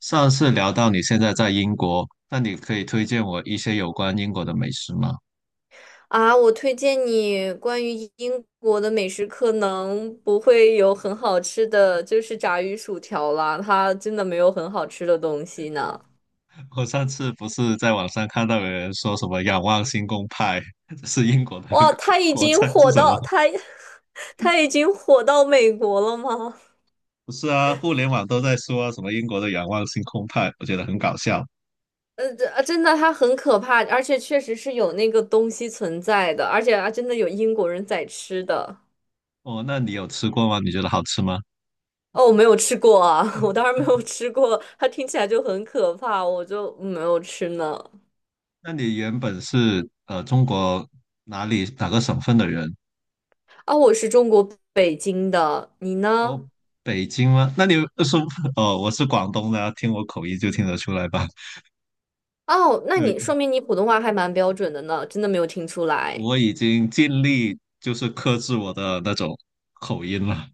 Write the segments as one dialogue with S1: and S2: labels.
S1: 上次聊到你现在在英国，那你可以推荐我一些有关英国的美食吗？
S2: 啊，我推荐你关于英国的美食，可能不会有很好吃的，就是炸鱼薯条啦，它真的没有很好吃的东西呢。
S1: 我上次不是在网上看到有人说什么仰望星空派，这是英国的
S2: 哇，它 已
S1: 国
S2: 经
S1: 菜是
S2: 火
S1: 什么？
S2: 到它，它已经火到美国了吗？
S1: 不是啊，互联网都在说啊什么英国的仰望星空派，我觉得很搞笑。
S2: 这啊真的它很可怕，而且确实是有那个东西存在的，而且啊，真的有英国人在吃的。
S1: 哦，那你有吃过吗？你觉得好吃吗？
S2: 哦，我没有吃过啊，我当然没有吃过，它听起来就很可怕，我就没有吃呢。
S1: 那你原本是中国哪里哪个省份的人？
S2: 啊，我是中国北京的，你
S1: 哦，
S2: 呢？
S1: 北京吗？那你说 哦，我是广东的啊，听我口音就听得出来吧。
S2: 哦，那你
S1: 对，
S2: 说明你普通话还蛮标准的呢，真的没有听出来。
S1: 我已经尽力就是克制我的那种口音了。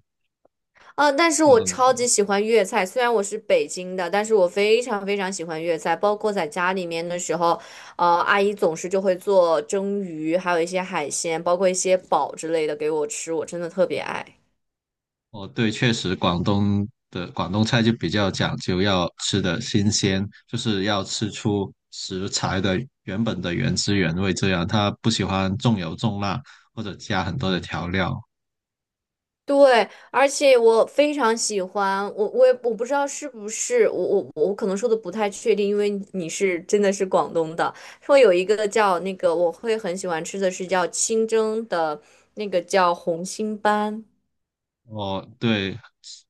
S2: 啊，但是
S1: 我
S2: 我
S1: 的，
S2: 超级喜欢粤菜，虽然我是北京的，但是我非常非常喜欢粤菜，包括在家里面的时候，阿姨总是就会做蒸鱼，还有一些海鲜，包括一些煲之类的给我吃，我真的特别爱。
S1: 哦，对，确实广东的广东菜就比较讲究要吃的新鲜，就是要吃出食材的原本的原汁原味，这样他不喜欢重油重辣或者加很多的调料。
S2: 对，而且我非常喜欢，我不知道是不是我我可能说的不太确定，因为你是真的是广东的，说有一个叫那个我会很喜欢吃的是叫清蒸的那个叫红心斑。
S1: 哦，对，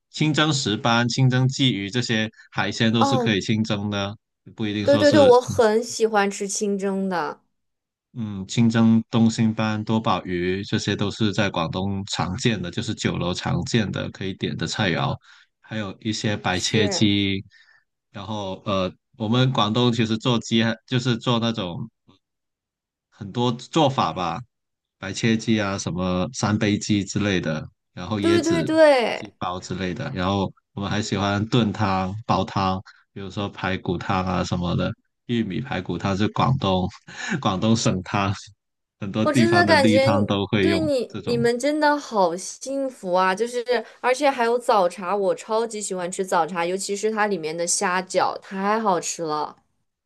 S1: 清蒸石斑、清蒸鲫鱼这些海鲜都是可
S2: 哦，
S1: 以清蒸的，不一定
S2: 对
S1: 说
S2: 对对，
S1: 是。
S2: 我很喜欢吃清蒸的，
S1: 嗯，清蒸东星斑、多宝鱼，这些都是在广东常见的，就是酒楼常见的可以点的菜肴，还有一些白切
S2: 是，
S1: 鸡。然后我们广东其实做鸡还就是做那种很多做法吧，白切鸡啊，什么三杯鸡之类的，然后椰
S2: 对对
S1: 子
S2: 对。
S1: 鸡煲之类的，然后我们还喜欢炖汤、煲汤，比如说排骨汤啊什么的。玉米排骨汤是广东 广东省汤，很多
S2: 我
S1: 地
S2: 真
S1: 方
S2: 的
S1: 的
S2: 感
S1: 例
S2: 觉
S1: 汤都会
S2: 对
S1: 用
S2: 你
S1: 这
S2: 你
S1: 种。
S2: 们真的好幸福啊！就是而且还有早茶，我超级喜欢吃早茶，尤其是它里面的虾饺，太好吃了。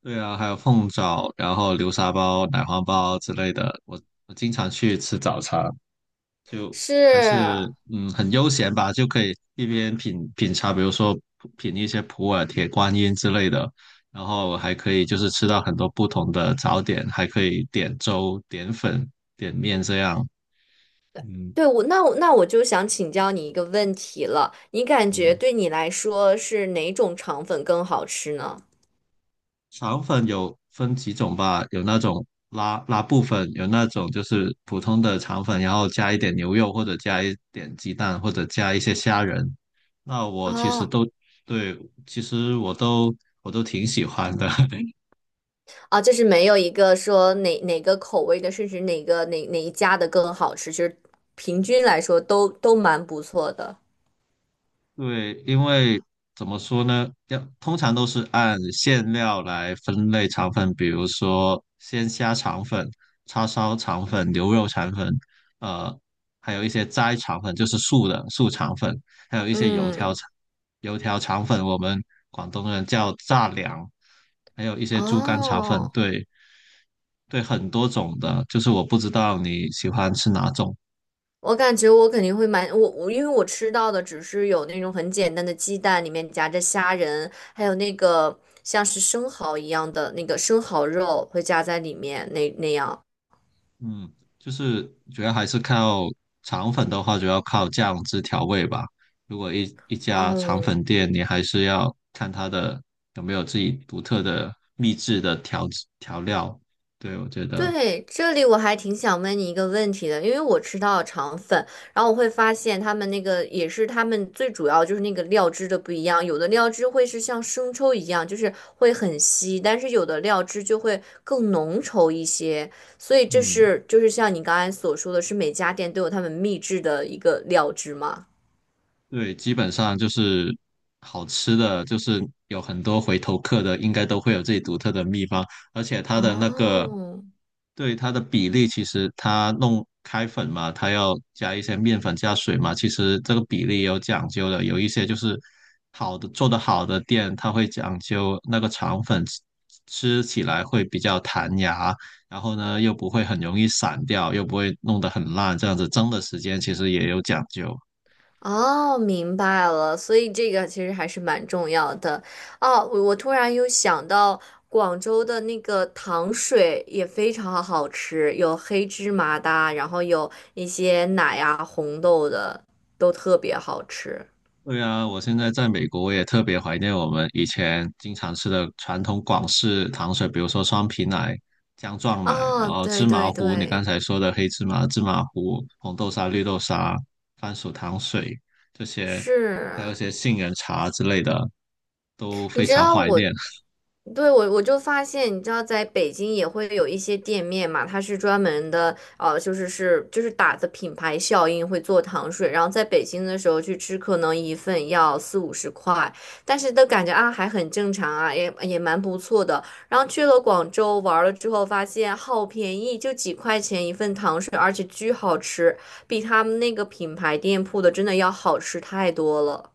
S1: 对啊，还有凤爪，然后流沙包、奶黄包之类的，我经常去吃早餐。就还
S2: 是，
S1: 是嗯很悠闲吧，就可以一边品品茶，比如说品一些普洱、铁观音之类的，然后还可以就是吃到很多不同的早点，还可以点粥、点粉、点面这样。嗯
S2: 对我就想请教你一个问题了，你感觉
S1: 嗯，
S2: 对你来说是哪种肠粉更好吃呢？
S1: 肠粉有分几种吧，有那种拉拉布粉，有那种就是普通的肠粉，然后加一点牛肉或者加一点鸡蛋或者加一些虾仁。那我其实
S2: 哦，
S1: 都对，其实我都我都挺喜欢的，
S2: 啊，就是没有一个说哪个口味的，甚至哪个哪哪一家的更好吃，就是平均来说都蛮不错的。
S1: 对，因为怎么说呢？要通常都是按馅料来分类肠粉，比如说鲜虾肠粉、叉烧肠粉、牛肉肠粉，呃，还有一些斋肠粉，就是素的素肠粉，还有一些
S2: 嗯，
S1: 油条肠粉，我们广东人叫炸粮，还有一些猪肝肠粉，
S2: 哦。
S1: 对，很多种的，就是我不知道你喜欢吃哪种。
S2: 我感觉我肯定会买，因为我吃到的只是有那种很简单的鸡蛋，里面夹着虾仁，还有那个像是生蚝一样的那个生蚝肉会夹在里面那样。
S1: 嗯，就是主要还是靠肠粉的话，主要靠酱汁调味吧。如果一家肠
S2: 哦，
S1: 粉店，你还是要看它的有没有自己独特的秘制的调制调料。对，我觉得，
S2: 对，这里我还挺想问你一个问题的，因为我吃到肠粉，然后我会发现他们那个也是他们最主要就是那个料汁的不一样，有的料汁会是像生抽一样，就是会很稀，但是有的料汁就会更浓稠一些，所以这
S1: 嗯，
S2: 是就是像你刚才所说的是每家店都有他们秘制的一个料汁吗？
S1: 对，基本上就是好吃的，就是有很多回头客的，应该都会有自己独特的秘方，而且它的那个
S2: 哦。
S1: 对它的比例，其实它弄开粉嘛，它要加一些面粉、加水嘛，其实这个比例也有讲究的。有一些就是好的做的好的店，它会讲究那个肠粉吃起来会比较弹牙，然后呢又不会很容易散掉，又不会弄得很烂，这样子蒸的时间其实也有讲究。
S2: 哦，明白了，所以这个其实还是蛮重要的。哦，我突然又想到广州的那个糖水也非常好吃，有黑芝麻的啊然后有一些奶呀、红豆的，都特别好吃。
S1: 对啊，我现在在美国，我也特别怀念我们以前经常吃的传统广式糖水，比如说双皮奶、姜撞奶，然
S2: 啊，
S1: 后
S2: 对
S1: 芝
S2: 对
S1: 麻糊，你刚
S2: 对，
S1: 才说的黑芝麻芝麻糊、红豆沙、绿豆沙、番薯糖水这些，还有一
S2: 是。
S1: 些杏仁茶之类的，都
S2: 你
S1: 非
S2: 知
S1: 常
S2: 道
S1: 怀
S2: 我，
S1: 念。
S2: 对，我就发现，你知道在北京也会有一些店面嘛，它是专门的，就是打着品牌效应会做糖水，然后在北京的时候去吃，可能一份要四五十块，但是都感觉啊还很正常啊，也也蛮不错的。然后去了广州玩了之后，发现好便宜，就几块钱一份糖水，而且巨好吃，比他们那个品牌店铺的真的要好吃太多了。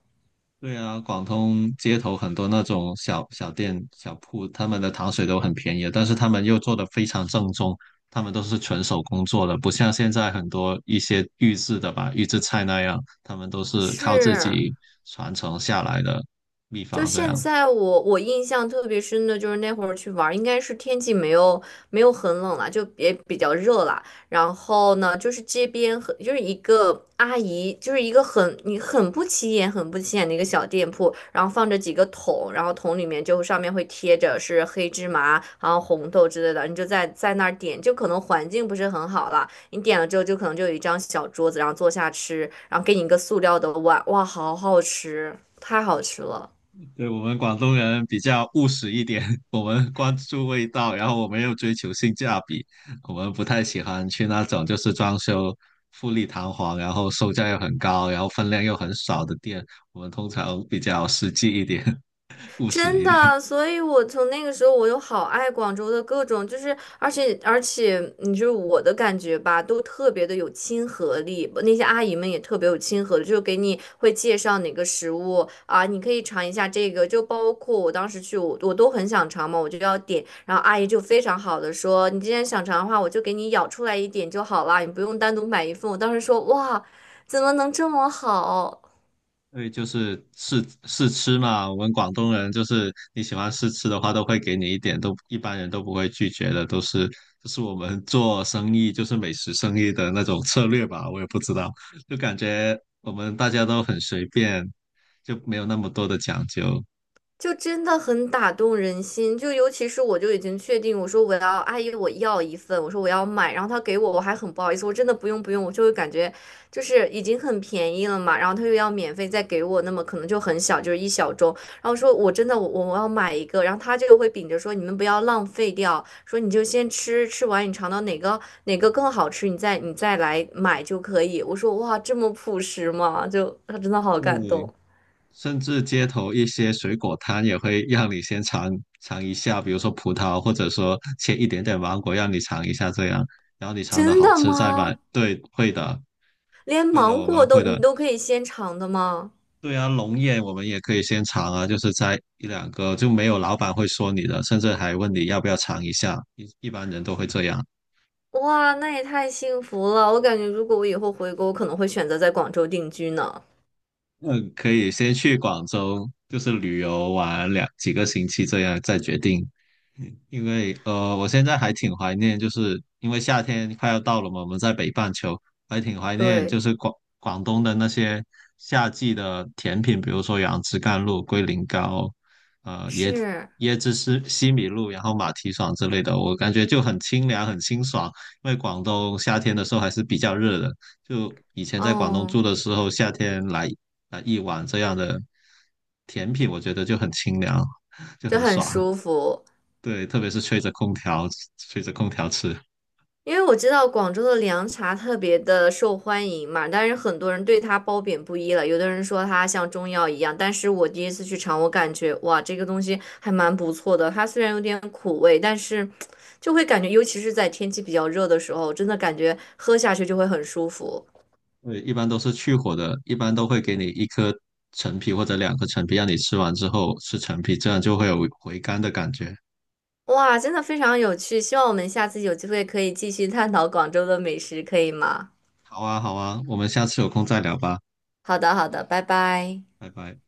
S1: 对啊，广东街头很多那种小小店、小铺，他们的糖水都很便宜，但是他们又做的非常正宗，他们都是纯手工做的，不像现在很多一些预制的吧，预制菜那样，他们都是靠自
S2: 是。
S1: 己传承下来的秘
S2: 就
S1: 方这
S2: 现
S1: 样。
S2: 在我，我印象特别深的就是那会儿去玩儿应该是天气没有很冷了，就也比较热了。然后呢，就是街边就是一个阿姨，就是一个很不起眼、很不起眼的一个小店铺，然后放着几个桶，然后桶里面就上面会贴着是黑芝麻，然后红豆之类的，你就在那儿点，就可能环境不是很好了。你点了之后就可能就有一张小桌子，然后坐下吃，然后给你一个塑料的碗，哇，好好吃，太好吃了。
S1: 对，我们广东人比较务实一点，我们关注味道，然后我们又追求性价比，我们不太喜欢去那种就是装修富丽堂皇，然后售价又很高，然后分量又很少的店，我们通常比较实际一点，务实
S2: 真
S1: 一点。
S2: 的，所以我从那个时候我就好爱广州的各种，就是而且，你就是我的感觉吧，都特别的有亲和力，那些阿姨们也特别有亲和力，就给你会介绍哪个食物啊，你可以尝一下这个，就包括我当时去我都很想尝嘛，我就要点，然后阿姨就非常好的说，你既然想尝的话，我就给你舀出来一点就好啦，你不用单独买一份。我当时说哇，怎么能这么好？
S1: 对，就是试试吃嘛。我们广东人就是你喜欢试吃的话，都会给你一点，都一般人都不会拒绝的，都是就是我们做生意，就是美食生意的那种策略吧。我也不知道，就感觉我们大家都很随便，就没有那么多的讲究。
S2: 就真的很打动人心，就尤其是我就已经确定，我说我要阿姨，我要一份，我说我要买，然后他给我，我还很不好意思，我真的不用不用，我就会感觉就是已经很便宜了嘛，然后他又要免费再给我，那么可能就很小，就是一小盅，然后说我真的要买一个，然后他就会秉着说你们不要浪费掉，说你就先吃，吃完你尝到哪个更好吃，你再来买就可以。我说哇，这么朴实吗？就他真的好感
S1: 对，
S2: 动，
S1: 甚至街头一些水果摊也会让你先尝一下，比如说葡萄，或者说切一点点芒果让你尝一下这样，然后你尝的
S2: 真
S1: 好
S2: 的
S1: 吃再买。
S2: 吗？
S1: 对，会的。
S2: 连
S1: 会的，
S2: 芒
S1: 我们
S2: 果都
S1: 会
S2: 你
S1: 的。
S2: 都可以先尝的吗？
S1: 对啊，龙宴我们也可以先尝啊，就是摘一两个，就没有老板会说你的，甚至还问你要不要尝一下。一般人都会这样。
S2: 哇，那也太幸福了！我感觉如果我以后回国，我可能会选择在广州定居呢。
S1: 嗯，可以先去广州，就是旅游玩两几个星期，这样再决定。因为我现在还挺怀念，就是因为夏天快要到了嘛，我们在北半球还挺怀念，
S2: 对，
S1: 就是广东的那些夏季的甜品，比如说杨枝甘露、龟苓膏，呃，椰
S2: 是，
S1: 椰汁西西米露，然后马蹄爽之类的，我感觉就很清凉、很清爽。因为广东夏天的时候还是比较热的，就以前在广东
S2: 哦，
S1: 住的时候，夏天来一碗这样的甜品，我觉得就很清凉，就
S2: 就
S1: 很
S2: 很
S1: 爽。
S2: 舒服。
S1: 对，特别是吹着空调，吹着空调吃。
S2: 因为我知道广州的凉茶特别的受欢迎嘛，但是很多人对它褒贬不一了。有的人说它像中药一样，但是我第一次去尝，我感觉哇，这个东西还蛮不错的。它虽然有点苦味，但是就会感觉，尤其是在天气比较热的时候，真的感觉喝下去就会很舒服。
S1: 对，一般都是去火的，一般都会给你一颗陈皮或者两颗陈皮，让你吃完之后吃陈皮，这样就会有回甘的感觉。
S2: 哇，真的非常有趣，希望我们下次有机会可以继续探讨广州的美食，可以吗？
S1: 好啊，好啊，我们下次有空再聊吧，
S2: 好的，好的，拜拜。
S1: 拜拜。